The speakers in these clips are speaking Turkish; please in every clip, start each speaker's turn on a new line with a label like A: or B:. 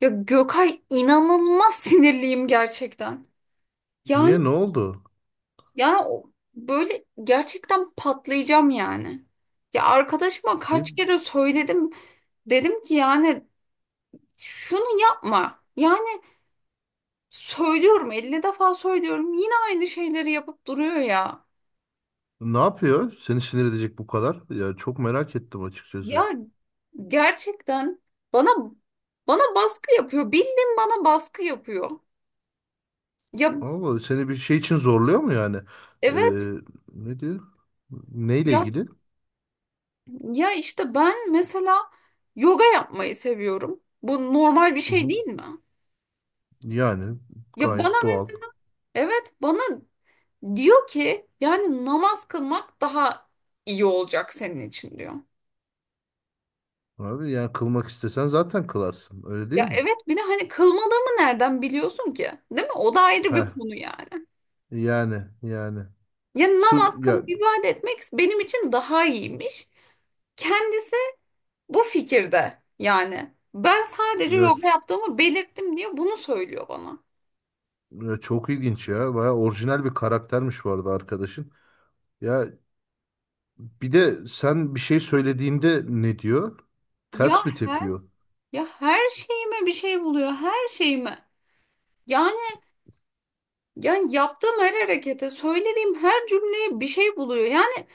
A: Ya Gökay inanılmaz sinirliyim gerçekten. Yani
B: Niye, ne oldu?
A: yani o- böyle gerçekten patlayacağım yani. Ya arkadaşıma
B: Ne,
A: kaç kere söyledim. Dedim ki yani şunu yapma. Yani söylüyorum 50 defa söylüyorum yine aynı şeyleri yapıp duruyor ya.
B: ne yapıyor? Seni sinir edecek bu kadar. Ya çok merak ettim
A: Ya
B: açıkçası.
A: gerçekten bana bana baskı yapıyor. Bildiğin bana baskı yapıyor. Ya
B: Allah seni bir şey için zorluyor mu yani? Ee,
A: evet.
B: Ne diyor? Neyle ilgili?
A: Ya işte ben mesela yoga yapmayı seviyorum. Bu normal bir
B: Hı
A: şey
B: hı.
A: değil mi?
B: Yani
A: Ya bana
B: gayet doğal.
A: mes- evet bana diyor ki yani namaz kılmak daha iyi olacak senin için diyor.
B: Abi yani kılmak istesen zaten kılarsın. Öyle değil
A: Ya
B: mi?
A: evet bir de hani kılmadığımı nereden biliyorsun ki? Değil mi? O da ayrı bir
B: Heh.
A: konu yani.
B: Yani.
A: Ya
B: Sır
A: namaz
B: ya,
A: kılıp ibadet etmek benim için daha iyiymiş. Kendisi bu fikirde yani. Ben sadece
B: ya,
A: yoga yaptığımı belirttim diye bunu söylüyor bana.
B: ya çok ilginç ya. Baya orijinal bir karaktermiş bu arada arkadaşın. Ya bir de sen bir şey söylediğinde ne diyor?
A: Ya
B: Ters mi tepiyor?
A: Ya her şeyime bir şey buluyor, her şeyime. Yani yani yaptığım her harekete, söylediğim her cümleye bir şey buluyor. Yani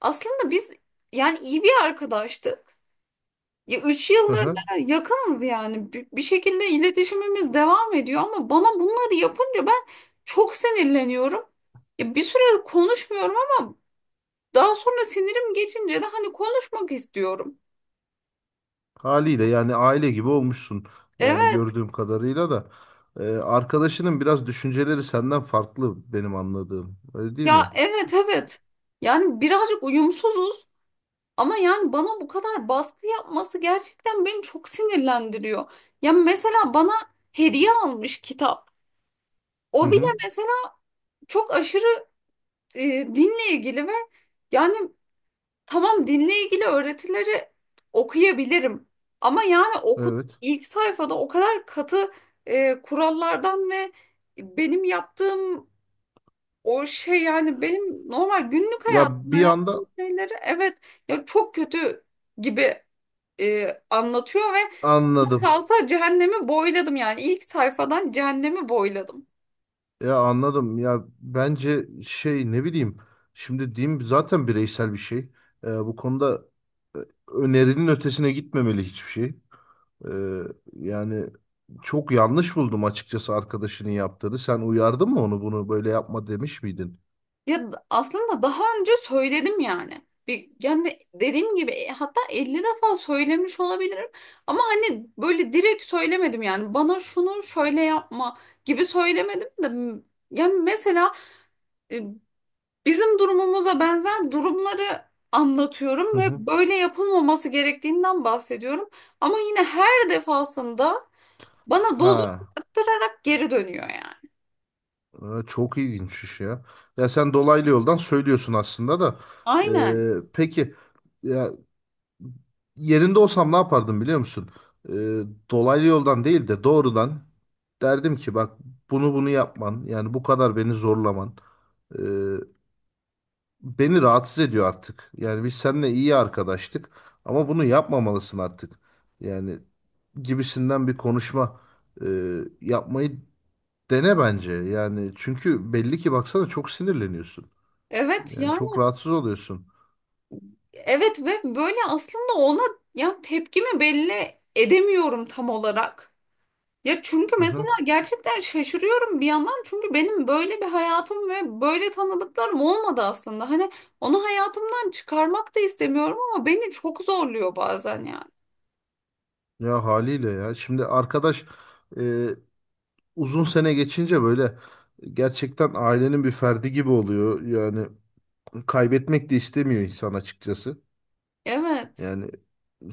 A: aslında biz yani iyi bir arkadaştık. Ya üç
B: Hı
A: yıldır
B: hı.
A: da yakınız yani. Bir şekilde iletişimimiz devam ediyor ama bana bunları yapınca ben çok sinirleniyorum. Ya bir süre konuşmuyorum ama daha sonra sinirim geçince de hani konuşmak istiyorum.
B: Haliyle yani aile gibi olmuşsun. Yani
A: Evet,
B: gördüğüm kadarıyla da arkadaşının biraz düşünceleri senden farklı benim anladığım. Öyle değil
A: ya
B: mi?
A: evet. Yani birazcık uyumsuzuz. Ama yani bana bu kadar baskı yapması gerçekten beni çok sinirlendiriyor. Ya mesela bana hediye almış kitap.
B: Hı
A: O bile
B: hı.
A: mesela çok aşırı e, dinle ilgili ve yani tamam dinle ilgili öğretileri okuyabilirim. Ama yani oku
B: Evet.
A: ilk sayfada o kadar katı kurallardan ve benim yaptığım o şey yani benim normal günlük
B: Ya
A: hayatımda
B: bir
A: yaptığım
B: anda
A: şeyleri evet ya çok kötü gibi anlatıyor ve
B: anladım.
A: kalsa cehennemi boyladım yani ilk sayfadan cehennemi boyladım.
B: Ya anladım. Ya bence şey, ne bileyim. Şimdi diyeyim, zaten bireysel bir şey. Bu konuda e, önerinin ötesine gitmemeli hiçbir şey. Ee, yani çok yanlış buldum açıkçası arkadaşının yaptığını. Sen uyardın mı onu, bunu böyle yapma demiş miydin?
A: Aslında daha önce söyledim yani. Bir, yani dediğim gibi hatta 50 defa söylemiş olabilirim ama hani böyle direkt söylemedim yani bana şunu şöyle yapma gibi söylemedim de yani mesela e, bizim durumumuza benzer durumları
B: Hı
A: anlatıyorum ve
B: hı.
A: böyle yapılmaması gerektiğinden bahsediyorum ama yine her defasında bana dozu
B: Ha,
A: arttırarak geri dönüyor yani.
B: çok ilginçmiş ya. Ya sen dolaylı yoldan söylüyorsun aslında da.
A: Aynen.
B: E, peki ya yerinde olsam ne yapardım biliyor musun? E, dolaylı yoldan değil de doğrudan derdim ki bak, bunu yapman yani bu kadar beni zorlaman e, beni rahatsız ediyor artık. Yani biz seninle iyi arkadaştık ama bunu yapmamalısın artık. Yani gibisinden bir konuşma e, yapmayı dene bence, yani çünkü belli ki baksana çok sinirleniyorsun.
A: Evet
B: Yani
A: yani
B: çok rahatsız oluyorsun.
A: evet ve böyle aslında ona ya tepkimi belli edemiyorum tam olarak. Ya çünkü
B: Hı
A: mesela
B: hı.
A: gerçekten şaşırıyorum bir yandan çünkü benim böyle bir hayatım ve böyle tanıdıklarım olmadı aslında. Hani onu hayatımdan çıkarmak da istemiyorum ama beni çok zorluyor bazen yani.
B: Ya haliyle ya. Şimdi arkadaş e, uzun sene geçince böyle gerçekten ailenin bir ferdi gibi oluyor. Yani kaybetmek de istemiyor insan açıkçası.
A: Evet.
B: Yani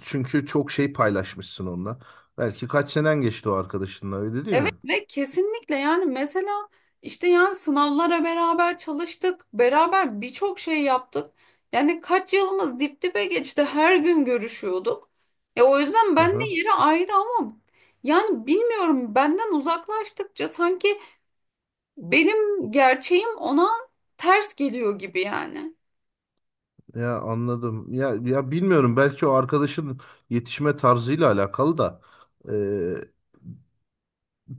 B: çünkü çok şey paylaşmışsın onunla. Belki kaç senen geçti o arkadaşınla, öyle değil
A: Evet
B: mi?
A: ve kesinlikle yani mesela işte yani sınavlara beraber çalıştık, beraber birçok şey yaptık. Yani kaç yılımız dip dibe geçti, her gün görüşüyorduk. E o yüzden
B: Hı
A: ben de
B: hı.
A: yeri ayrı ama yani bilmiyorum benden uzaklaştıkça sanki benim gerçeğim ona ters geliyor gibi yani.
B: Ya anladım. Ya bilmiyorum, belki o arkadaşın yetişme tarzıyla alakalı da. e,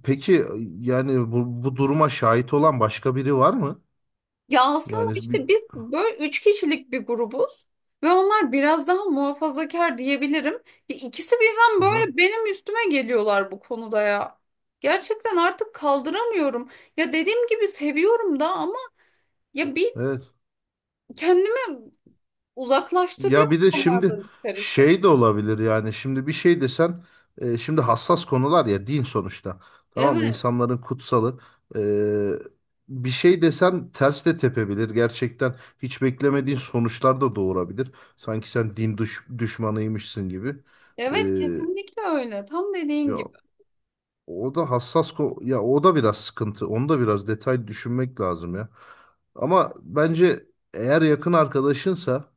B: Peki yani bu duruma şahit olan başka biri var mı?
A: Ya aslında
B: Yani bir
A: işte biz böyle üç kişilik bir grubuz ve onlar biraz daha muhafazakar diyebilirim. Ya İkisi birden
B: aha,
A: böyle benim üstüme geliyorlar bu konuda ya. Gerçekten artık kaldıramıyorum. Ya dediğim gibi seviyorum da ama ya bir
B: evet.
A: kendimi uzaklaştırıyor
B: Ya bir de
A: onlardan
B: şimdi
A: ister istemez.
B: şey de olabilir, yani şimdi bir şey desen şimdi hassas konular ya, din sonuçta. Tamam mı?
A: Evet,
B: İnsanların kutsalı. E, bir şey desen ters de tepebilir. Gerçekten hiç beklemediğin sonuçlar da doğurabilir. Sanki sen din düşmanıymışsın gibi. E,
A: evet kesinlikle öyle. Tam dediğin
B: ya
A: gibi.
B: O da hassas ko, ya o da biraz sıkıntı. Onu da biraz detay düşünmek lazım ya. Ama bence eğer yakın arkadaşınsa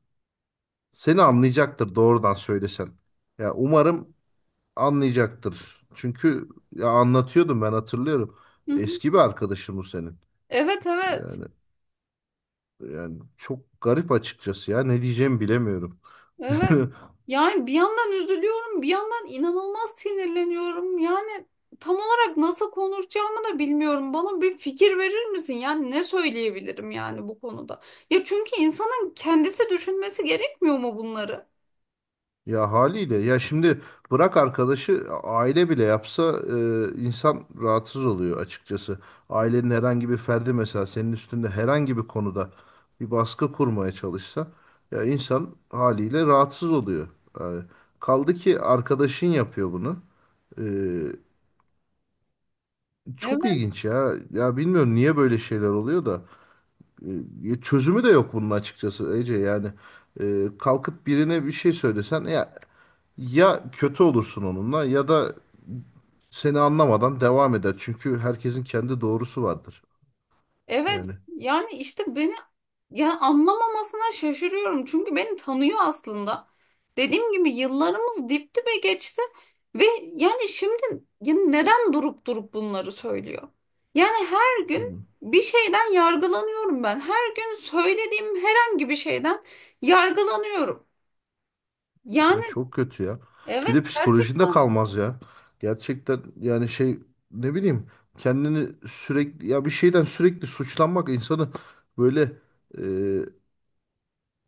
B: seni anlayacaktır doğrudan söylesen. Ya umarım anlayacaktır. Çünkü ya anlatıyordum ben, hatırlıyorum.
A: Hı hı.
B: Eski bir arkadaşım bu senin.
A: Evet.
B: Yani yani çok garip açıkçası ya. Ne diyeceğimi bilemiyorum.
A: Evet. Yani bir yandan üzülüyorum, bir yandan inanılmaz sinirleniyorum. Yani tam olarak nasıl konuşacağımı da bilmiyorum. Bana bir fikir verir misin? Yani ne söyleyebilirim yani bu konuda? Ya çünkü insanın kendisi düşünmesi gerekmiyor mu bunları?
B: Ya haliyle ya, şimdi bırak arkadaşı, aile bile yapsa insan rahatsız oluyor açıkçası. Ailenin herhangi bir ferdi mesela senin üstünde herhangi bir konuda bir baskı kurmaya çalışsa ya insan haliyle rahatsız oluyor. Yani kaldı ki arkadaşın yapıyor bunu. E, çok
A: Evet.
B: ilginç ya. Ya bilmiyorum niye böyle şeyler oluyor da çözümü de yok bunun açıkçası Ece, yani. E, kalkıp birine bir şey söylesen ya, ya kötü olursun onunla ya da seni anlamadan devam eder. Çünkü herkesin kendi doğrusu vardır.
A: Evet
B: Yani
A: yani işte beni ya anlamamasına şaşırıyorum. Çünkü beni tanıyor aslında. Dediğim gibi yıllarımız dip dibe geçti ve yani şimdi ya neden durup durup bunları söylüyor? Yani her gün
B: hmm,
A: bir şeyden yargılanıyorum ben. Her gün söylediğim herhangi bir şeyden yargılanıyorum. Yani
B: ya çok kötü ya. Bir
A: evet
B: de psikolojinde
A: gerçekten
B: kalmaz ya. Gerçekten yani şey, ne bileyim, kendini sürekli, ya bir şeyden sürekli suçlanmak insanı böyle e,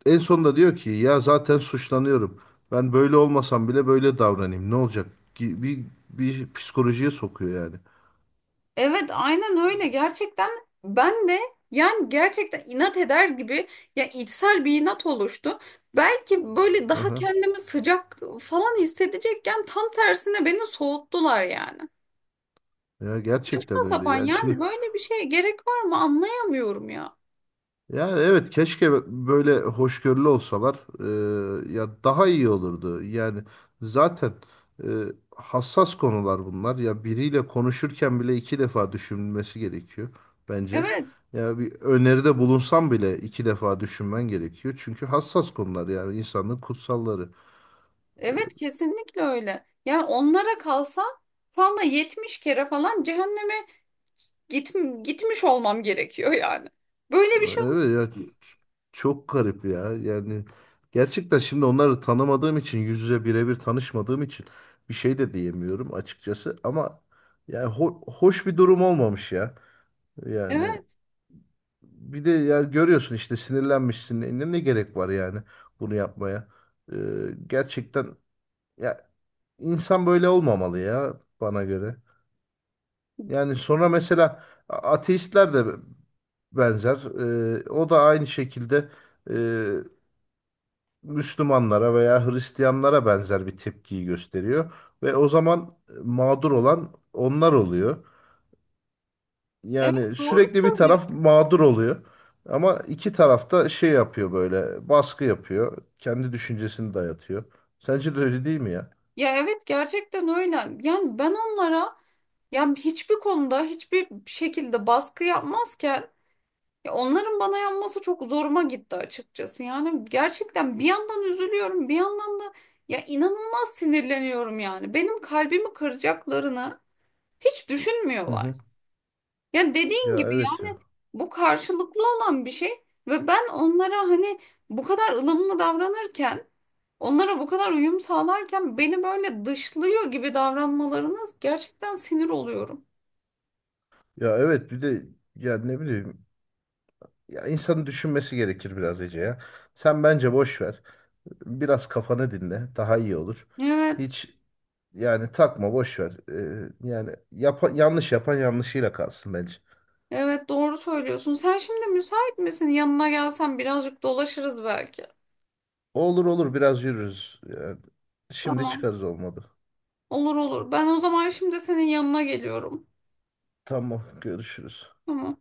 B: en sonunda diyor ki ya zaten suçlanıyorum. Ben böyle olmasam bile böyle davranayım. Ne olacak? Ki bir psikolojiye sokuyor yani.
A: evet aynen öyle gerçekten ben de yani gerçekten inat eder gibi ya içsel bir inat oluştu. Belki böyle daha
B: Aha.
A: kendimi sıcak falan hissedecekken tam tersine beni soğuttular yani.
B: Ya
A: Saçma
B: gerçekten öyle.
A: sapan
B: Yani şimdi,
A: yani böyle bir şeye gerek var mı anlayamıyorum ya.
B: yani evet keşke böyle hoşgörülü olsalar ya daha iyi olurdu. Yani zaten e, hassas konular bunlar. Ya biriyle konuşurken bile iki defa düşünülmesi gerekiyor bence.
A: Evet
B: Ya bir öneride bulunsam bile iki defa düşünmen gerekiyor. Çünkü hassas konular, yani insanlığın kutsalları.
A: evet kesinlikle öyle. Yani onlara kalsa şu anda 70 kere falan cehenneme git, gitmiş olmam gerekiyor yani. Böyle bir şey olmaz.
B: Evet ya, çok garip ya. Yani gerçekten şimdi onları tanımadığım için, yüz yüze birebir tanışmadığım için bir şey de diyemiyorum açıkçası ama yani hoş bir durum olmamış ya. Yani
A: Evet,
B: bir de yani görüyorsun işte sinirlenmişsin. Ne gerek var yani bunu yapmaya? Ee, gerçekten ya insan böyle olmamalı ya, bana göre. Yani sonra mesela ateistler de benzer. O da aynı şekilde e, Müslümanlara veya Hristiyanlara benzer bir tepkiyi gösteriyor. Ve o zaman mağdur olan onlar oluyor. Yani
A: evet doğru
B: sürekli bir
A: söylüyorsun.
B: taraf mağdur oluyor. Ama iki taraf da şey yapıyor, böyle baskı yapıyor. Kendi düşüncesini dayatıyor. Sence de öyle değil mi ya?
A: Ya evet gerçekten öyle. Yani ben onlara yani hiçbir konuda hiçbir şekilde baskı yapmazken ya onların bana yanması çok zoruma gitti açıkçası. Yani gerçekten bir yandan üzülüyorum, bir yandan da ya inanılmaz sinirleniyorum yani. Benim kalbimi kıracaklarını hiç
B: Hı
A: düşünmüyorlar.
B: hı.
A: Ya dediğin
B: Ya
A: gibi
B: evet
A: yani
B: ya.
A: bu karşılıklı olan bir şey ve ben onlara hani bu kadar ılımlı davranırken, onlara bu kadar uyum sağlarken beni böyle dışlıyor gibi davranmalarına gerçekten sinir oluyorum.
B: Ya evet bir de yani ne bileyim, ya insanın düşünmesi gerekir biraz Ece ya. Sen bence boş ver. Biraz kafanı dinle. Daha iyi olur.
A: Evet.
B: Hiç, yani takma boş ver. Yani yanlış yapan yanlışıyla kalsın bence.
A: Evet doğru söylüyorsun. Sen şimdi müsait misin? Yanına gelsen birazcık dolaşırız belki.
B: Olur olur, biraz yürürüz. Yani şimdi
A: Tamam.
B: çıkarız, olmadı.
A: Olur olur. Ben o zaman şimdi senin yanına geliyorum.
B: Tamam, görüşürüz.
A: Tamam.